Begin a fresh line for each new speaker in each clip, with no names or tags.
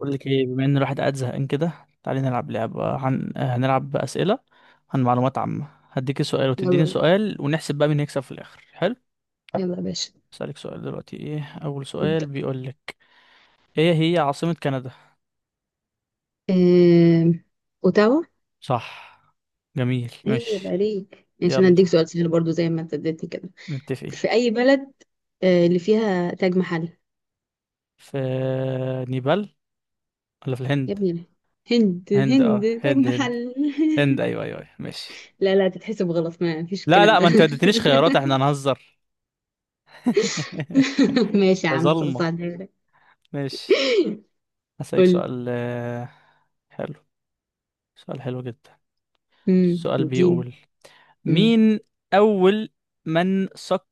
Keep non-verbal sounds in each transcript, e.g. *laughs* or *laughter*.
بقول لك ايه، بما ان الواحد قاعد زهقان كده. تعالي نلعب لعبة. هنلعب أسئلة عن معلومات عامة. هديكي سؤال وتديني
يلا
سؤال ونحسب بقى مين هيكسب في الآخر. حلو.
يلا يا باشا.
أسألك سؤال دلوقتي. ايه أول سؤال
نبدأ.
بيقول لك؟ ايه هي عاصمة كندا؟
آم، أوتاوا.
صح. جميل.
أي عيب
ماشي.
عليك يعني؟ عشان
يلا.
أديك سؤال سهل برضو زي ما أنت اديتني كده.
متفقين.
في أي بلد اللي فيها تاج محل؟
في نيبال ولا في
يا
الهند؟
ابني، هند
هند. اه
هند تاج
هند هند.
محل.
هند ايوه ايوه أيوة. ماشي.
*laughs* لا لا، تتحسب غلط؟ ما فيش
لا
الكلام
لا،
ده.
ما انت ما اديتنيش خيارات، احنا هنهزر. *laughs*
*laughs* ماشي يا
يا
عم، خلاص
ظلمة.
هعديها لك.
ماشي. هسألك
قول.
سؤال. حلو. سؤال حلو جدا. السؤال
اديني.
بيقول،
امم
مين أول من سك،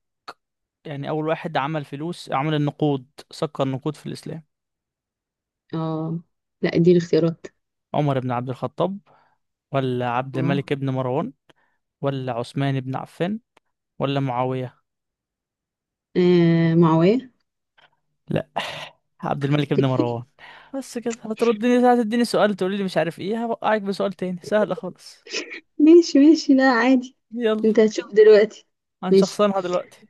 يعني أول واحد عمل فلوس، عمل النقود، سكر النقود في الإسلام؟
اه لا، اديني اختيارات.
عمر بن عبد الخطاب، ولا عبد
اه،
الملك بن مروان، ولا عثمان بن عفان، ولا معاوية؟
معاوية.
لا، عبد الملك بن مروان. بس كده هتردني، هتديني سؤال تقولي لي مش عارف ايه، هوقعك بسؤال تاني سهل خالص.
ماشي ماشي، لا عادي.
يلا.
انت هتشوف دلوقتي.
عن
ماشي.
شخصنها دلوقتي.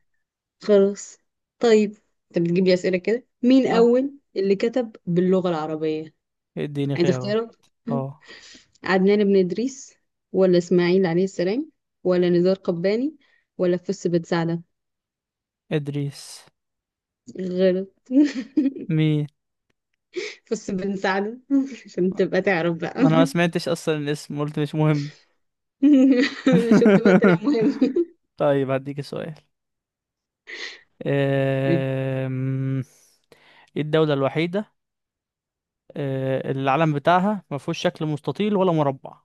خلاص. طيب، انت بتجيب لي اسئله كده؟ مين
اه
اول اللي كتب باللغه العربيه؟
اديني
عايز
خيارات
اختيارات.
اه.
*laughs* عدنان بن ادريس ولا اسماعيل عليه السلام ولا نزار قباني ولا فس بن سعده؟
ادريس.
غلط.
مين؟
*laughs* فس بن سعده. *laughs* عشان تبقى تعرف
ما
بقى.
انا ما سمعتش اصلا الاسم، قلت مش مهم.
*laughs* شفت بقى، طلع
*laughs*
مهم.
طيب هديك سؤال.
*laughs*
أم، ايه الدولة الوحيدة، اللي العلم بتاعها ما فيهوش شكل مستطيل ولا مربع؟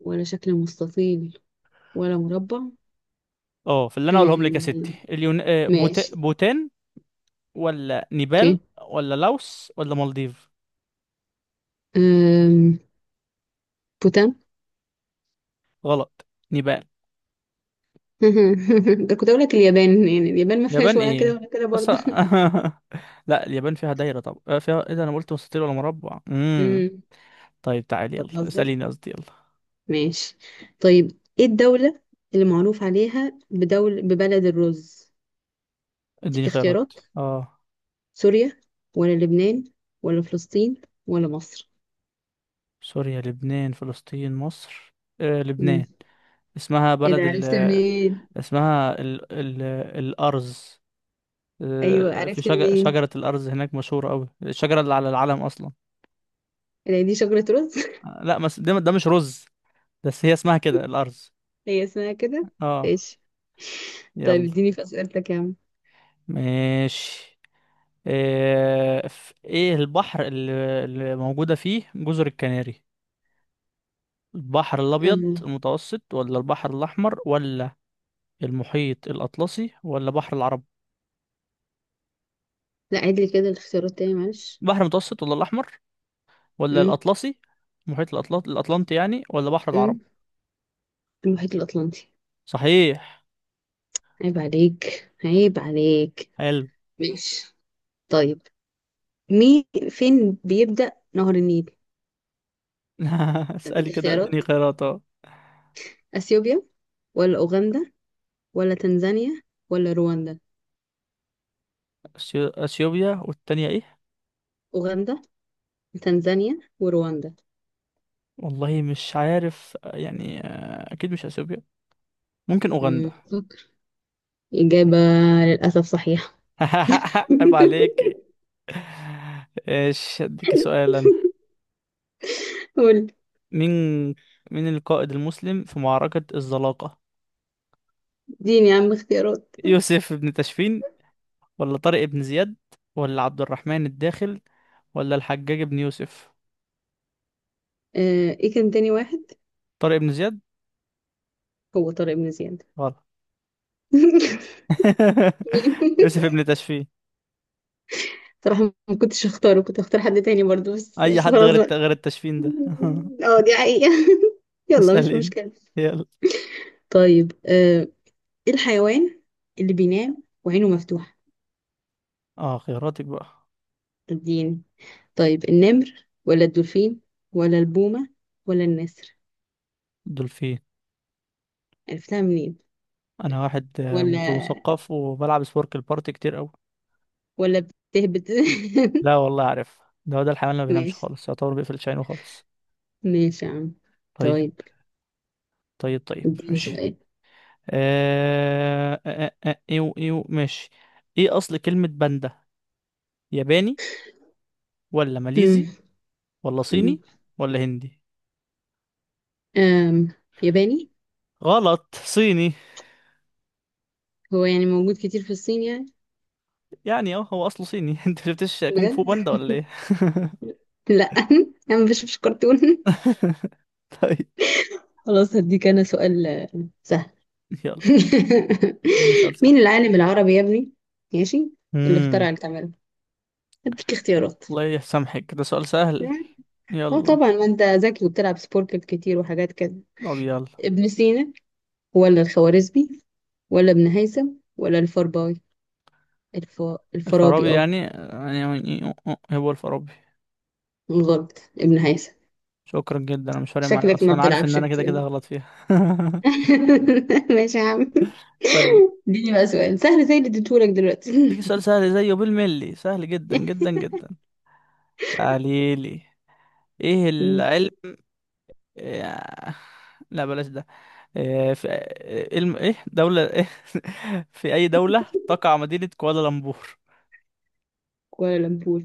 ولا شكل مستطيل ولا مربع؟
اه، في اللي انا اقولهم لك يا
آه،
ستي.
ماشي.
بوتان، ولا
اوكي.
نيبال، ولا لاوس، ولا مالديف؟
أم، بوتان.
غلط. نيبال.
*laughs* ده كنت اقول لك اليابان، يعني اليابان ما فيهاش
يابان
ولا كده
ايه
ولا كده برضه. *laughs*
اصلا؟ *laughs* لا، اليابان فيها دايرة. طب فيها ايه ده؟ انا قلت مستطيل ولا مربع.
امم
طيب تعالي يلا،
بتهزر.
اسأليني قصدي. يلا.
ماشي. طيب، ايه الدولة اللي معروف عليها ببلد الرز؟ اديك
اديني خيارات
اختيارات،
اه.
سوريا ولا لبنان ولا فلسطين ولا مصر؟
سوريا لبنان فلسطين مصر. آه،
امم
لبنان. اسمها
ايه
بلد
ده،
ال...
عرفت منين؟
اسمها ال الأرز.
ايوه،
آه، في
عرفت منين؟
شجرة الأرز هناك، مشهورة أوي، الشجرة اللي على العلم أصلا.
إيه ده، دي شجرة رز؟
آه، لا بس ده، ده مش رز، بس هي اسمها كده الأرز.
*laughs* هي اسمها كده.
اه.
ماشي. طيب
يلا.
اديني في اسئلتك يا عم.
ماشي. ايه البحر اللي موجودة فيه جزر الكناري؟ البحر الأبيض
أم،
المتوسط، ولا البحر الأحمر، ولا المحيط الأطلسي، ولا بحر العرب؟
لا، عيد لي كده الاختيارات تاني معلش.
بحر المتوسط ولا الأحمر ولا
امم
الأطلسي. المحيط الأطلس، الأطلنطي يعني، ولا بحر العرب؟
امم المحيط الأطلنطي.
صحيح.
عيب عليك، عيب عليك.
حلو.
ماشي. طيب، مين فين بيبدأ نهر النيل؟
*laughs* اسألي
أديك
كده
اختيارات،
اديني خيارات اه.
أثيوبيا ولا أوغندا ولا تنزانيا ولا رواندا؟
أثيوبيا، والتانية ايه؟
أوغندا، تنزانيا ورواندا.
والله مش عارف يعني. أكيد مش أثيوبيا. ممكن
مم.
أوغندا.
فكر. إجابة للأسف صحيحة.
*laughs* عيب
*laughs*
عليك. ايش اديك سؤالا.
قول.
مين مين القائد المسلم في معركة الزلاقة؟
اديني يا عم اختيارات.
يوسف بن تاشفين، ولا طارق بن زياد، ولا عبد الرحمن الداخل، ولا الحجاج بن يوسف؟
إيه كان تاني واحد؟
طارق بن زياد.
هو طارق بن زياد.
غلط.
*laughs* مين؟
*laughs* يوسف بن تشفين.
صراحة ما كنتش اختاره، كنت اختار حد تاني برضه، بس
اي
بس
حد
خلاص
غير الت...
بقى.
غير التشفين ده.
اه، دي حقيقة. *laughs*
*laughs*
يلا، مش
اسألين.
مشكلة.
يلا.
طيب، ايه الحيوان اللي بينام وعينه مفتوحة؟
اه خياراتك بقى.
اديني. طيب، النمر ولا الدولفين ولا البومة ولا النسر؟
دول فين.
عرفتها منين؟
انا واحد
ولا
متثقف وبلعب سبورك البارتي كتير قوي.
ولا بتهبط.
لا والله عارف. ده هو ده الحيوان اللي ما
*laughs*
بينامش
ماشي.
خالص، يعتبر بيقفل شعينه خالص.
ماشي يا عم.
طيب.
طيب
طيب طيب
اديني
ماشي.
سؤال.
آه... آه... آه... آه، ايو ايو ماشي. ايه اصل كلمة باندا؟ ياباني، ولا
مم،
ماليزي، ولا
مم.
صيني، ولا هندي؟
آم، ياباني.
غلط. صيني.
هو يعني موجود كتير في الصين يعني.
يعني اه هو اصله صيني. *laughs* انت شفتش كونغ
بجد؟
فو باندا ولا ايه؟ *laughs*
*laughs* لا. *laughs* انا مش كرتون. *laughs*
طيب.
خلاص، هديك انا سؤال سهل.
يلا
*laughs*
اديني سؤال سهل.
مين العالم العربي يا ابني؟ ماشي، اللي
امم
اخترع الكاميرا. اديك اختيارات.
الله يسامحك، ده سؤال سهل.
اه
يلا.
طبعا، ما انت ذكي وبتلعب سبوركل كتير وحاجات كده.
طب يلا.
ابن سينا ولا الخوارزمي ولا ابن هيثم ولا الفارابي؟ الف... الفارابي،
الفارابي
اه.
يعني يعني. هو الفارابي.
غلط، ابن هيثم.
شكرا جدا. انا مش فارق معايا
شكلك ما
اصلا، عارف ان
بتلعبش
انا كده كده
كتير.
غلط فيها. *laughs*
*laughs* ماشي يا عم.
طيب.
اديني بقى سؤال سهل زي اللي اديتهولك دلوقتي.
تيجي سؤال سهل زيه، بالملي سهل جدا جدا جدا. تعاليلي. ايه
*laughs* مم.
العلم؟ آه، لا بلاش ده. ايه دولة ايه؟ *laughs* في أي دولة تقع مدينة كوالالمبور؟
كوالا لمبور،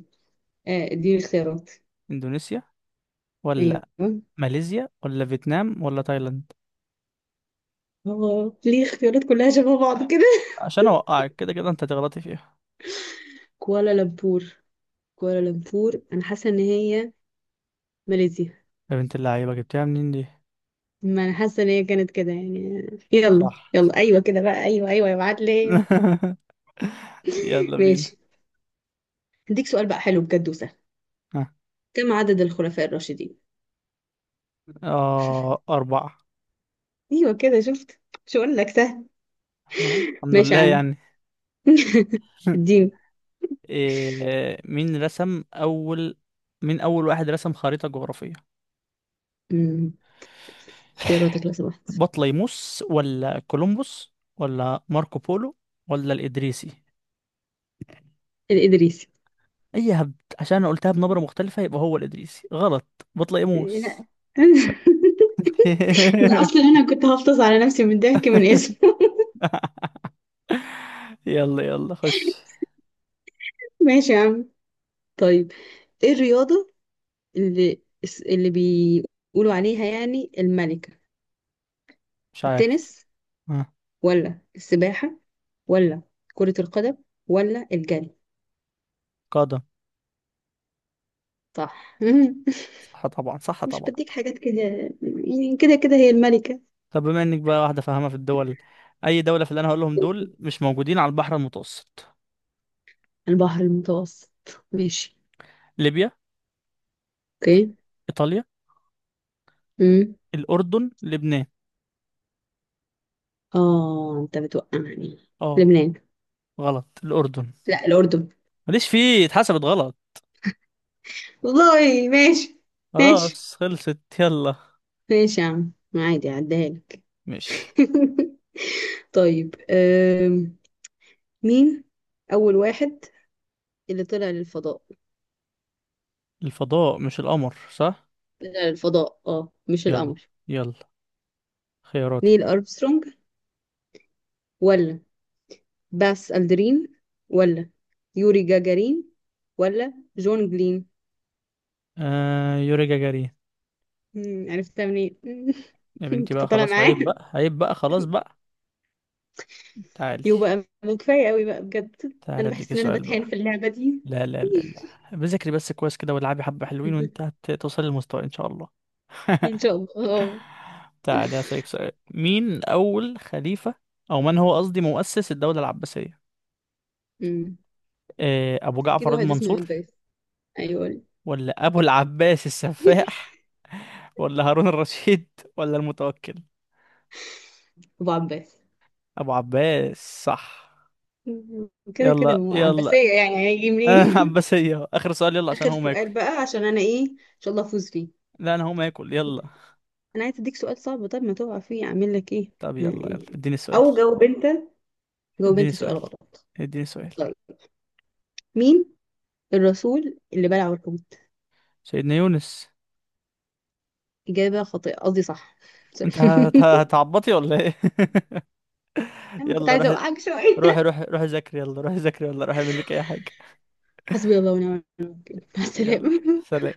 اه، اديني اختيارات.
إندونيسيا، ولا
ايوه.
ماليزيا، ولا فيتنام، ولا تايلاند؟
هو ليه اختيارات كلها شبه بعض كده؟
عشان أوقعك كده كده، أنت هتغلطي فيها.
*laughs* كوالالمبور، كوالالمبور، انا حاسه ان هي ماليزيا.
يا بنت اللعيبة، جبتها منين دي؟
ما انا حاسه ان هي كانت كده يعني. يلا
صح
يلا، ايوه
صح.
كده بقى، ايوه ايوه يا معلم.
*laughs* يلا بينا.
ماشي. هديك سؤال بقى حلو بجد وسهل.
ها.
كم عدد الخلفاء الراشدين؟
آه، أربعة.
ايوه كده شفت، مش هقول لك سهل.
آه. الحمد
ماشي
لله
يا عم.
يعني.
*laughs*
*laughs*
اديني.
إيه. مين رسم أول مين أول واحد رسم خريطة جغرافية؟
مم. اختياراتك لو
*laughs*
سمحت.
بطليموس، ولا كولومبوس، ولا ماركو بولو، ولا الإدريسي؟
الادريسي.
أي هبد. عشان أنا قلتها بنبرة مختلفة يبقى هو الإدريسي؟ غلط.
لا.
بطليموس.
*laughs* ده
*laughs*
اصلا انا كنت هفطس على نفسي من الضحك من اسمه.
يلا يلا خش.
*laughs* ماشي يا عم. طيب، ايه الرياضة اللي اللي بيقولوا عليها يعني الملكة؟
مش عارف.
التنس
ها.
ولا السباحة ولا كرة القدم ولا الجري؟
قادم.
صح.
صح طبعا، صح
*laughs* مش
طبعا.
بديك حاجات كده، يعني كده كده هي الملكة.
طب بما انك بقى واحدة فاهمة في الدول، أي دولة في اللي أنا هقولهم دول مش موجودين على البحر المتوسط؟
البحر المتوسط. ماشي.
ليبيا،
اوكي.
إيطاليا،
امم
الأردن، لبنان.
اه، انت بتوقعني.
اه
لبنان.
غلط. الأردن.
لا، الأردن.
ماليش فيه، اتحسبت غلط.
والله ماشي. ماشي.
خلاص خلصت. يلا.
ماشي يا عم، عادي عديها لك.
ماشي.
*laughs* طيب. مين أول واحد اللي طلع للفضاء؟
الفضاء مش القمر صح؟
طلع للفضاء اه، مش
يلا.
القمر.
يلا. خياراتك.
نيل أرمسترونج ولا باس ألدرين ولا يوري جاجارين ولا جون جلين؟
آه، يوري جاجارين.
عرفتها منين؟
يا
*laughs*
بنتي
كنت
بقى
طالعة
خلاص،
معاه.
عيب بقى، عيب بقى، خلاص بقى. تعالي.
يبقى كفاية قوي بقى بجد.
تعالي
أنا بحس
اديكي
إن أنا
سؤال
بتهان
بقى.
في اللعبة دي.
لا لا لا لا، بذاكري بس كويس كده، والعبي حبة حلوين، وانت
*laughs*
هتوصلي للمستوى ان شاء الله. *laughs*
إن شاء الله، اه.
تعالي هسألك سؤال. مين اول خليفة، او من هو قصدي مؤسس الدولة العباسية؟
مم.
آه، ابو
اكيد
جعفر
واحد اسمه
المنصور،
عباس. أيوه.
ولا ابو العباس
*laughs*
السفاح، ولا هارون الرشيد، ولا المتوكل؟
أبو عباس.
ابو عباس. صح.
كده كده
يلا
ما هو
يلا.
عباسية، يعني هيجي
*laughs*
منين؟
آه
*laughs*
عباسية أهو. آخر سؤال يلا، عشان
آخر
هو ما
سؤال
ياكل.
بقى، عشان أنا إيه إن شاء الله أفوز فيه.
لا، أنا هو ما ياكل. يلا.
انا عايز اديك سؤال صعب، طب ما تقع فيه اعمل لك ايه؟
طب يلا يلا
يعني-
اديني سؤال.
او جاوب انت. جاوب
اديني
انت سؤال
سؤال.
غلط.
اديني سؤال.
طيب، مين الرسول اللي بلعه الحوت؟
سيدنا يونس.
اجابه خاطئه، قصدي صح. سوري. *laughs*
هتعبطي ولا إيه؟ *laughs*
انا كنت
يلا
عايزه
روح.
اوقعك
روح
شويه.
روح روح ذاكري، يلا روح ذاكري، ولا روح اعمل لك أي حاجة.
*laughs* حسبي الله ونعم الوكيل، مع
يلا.
السلامه.
سلام.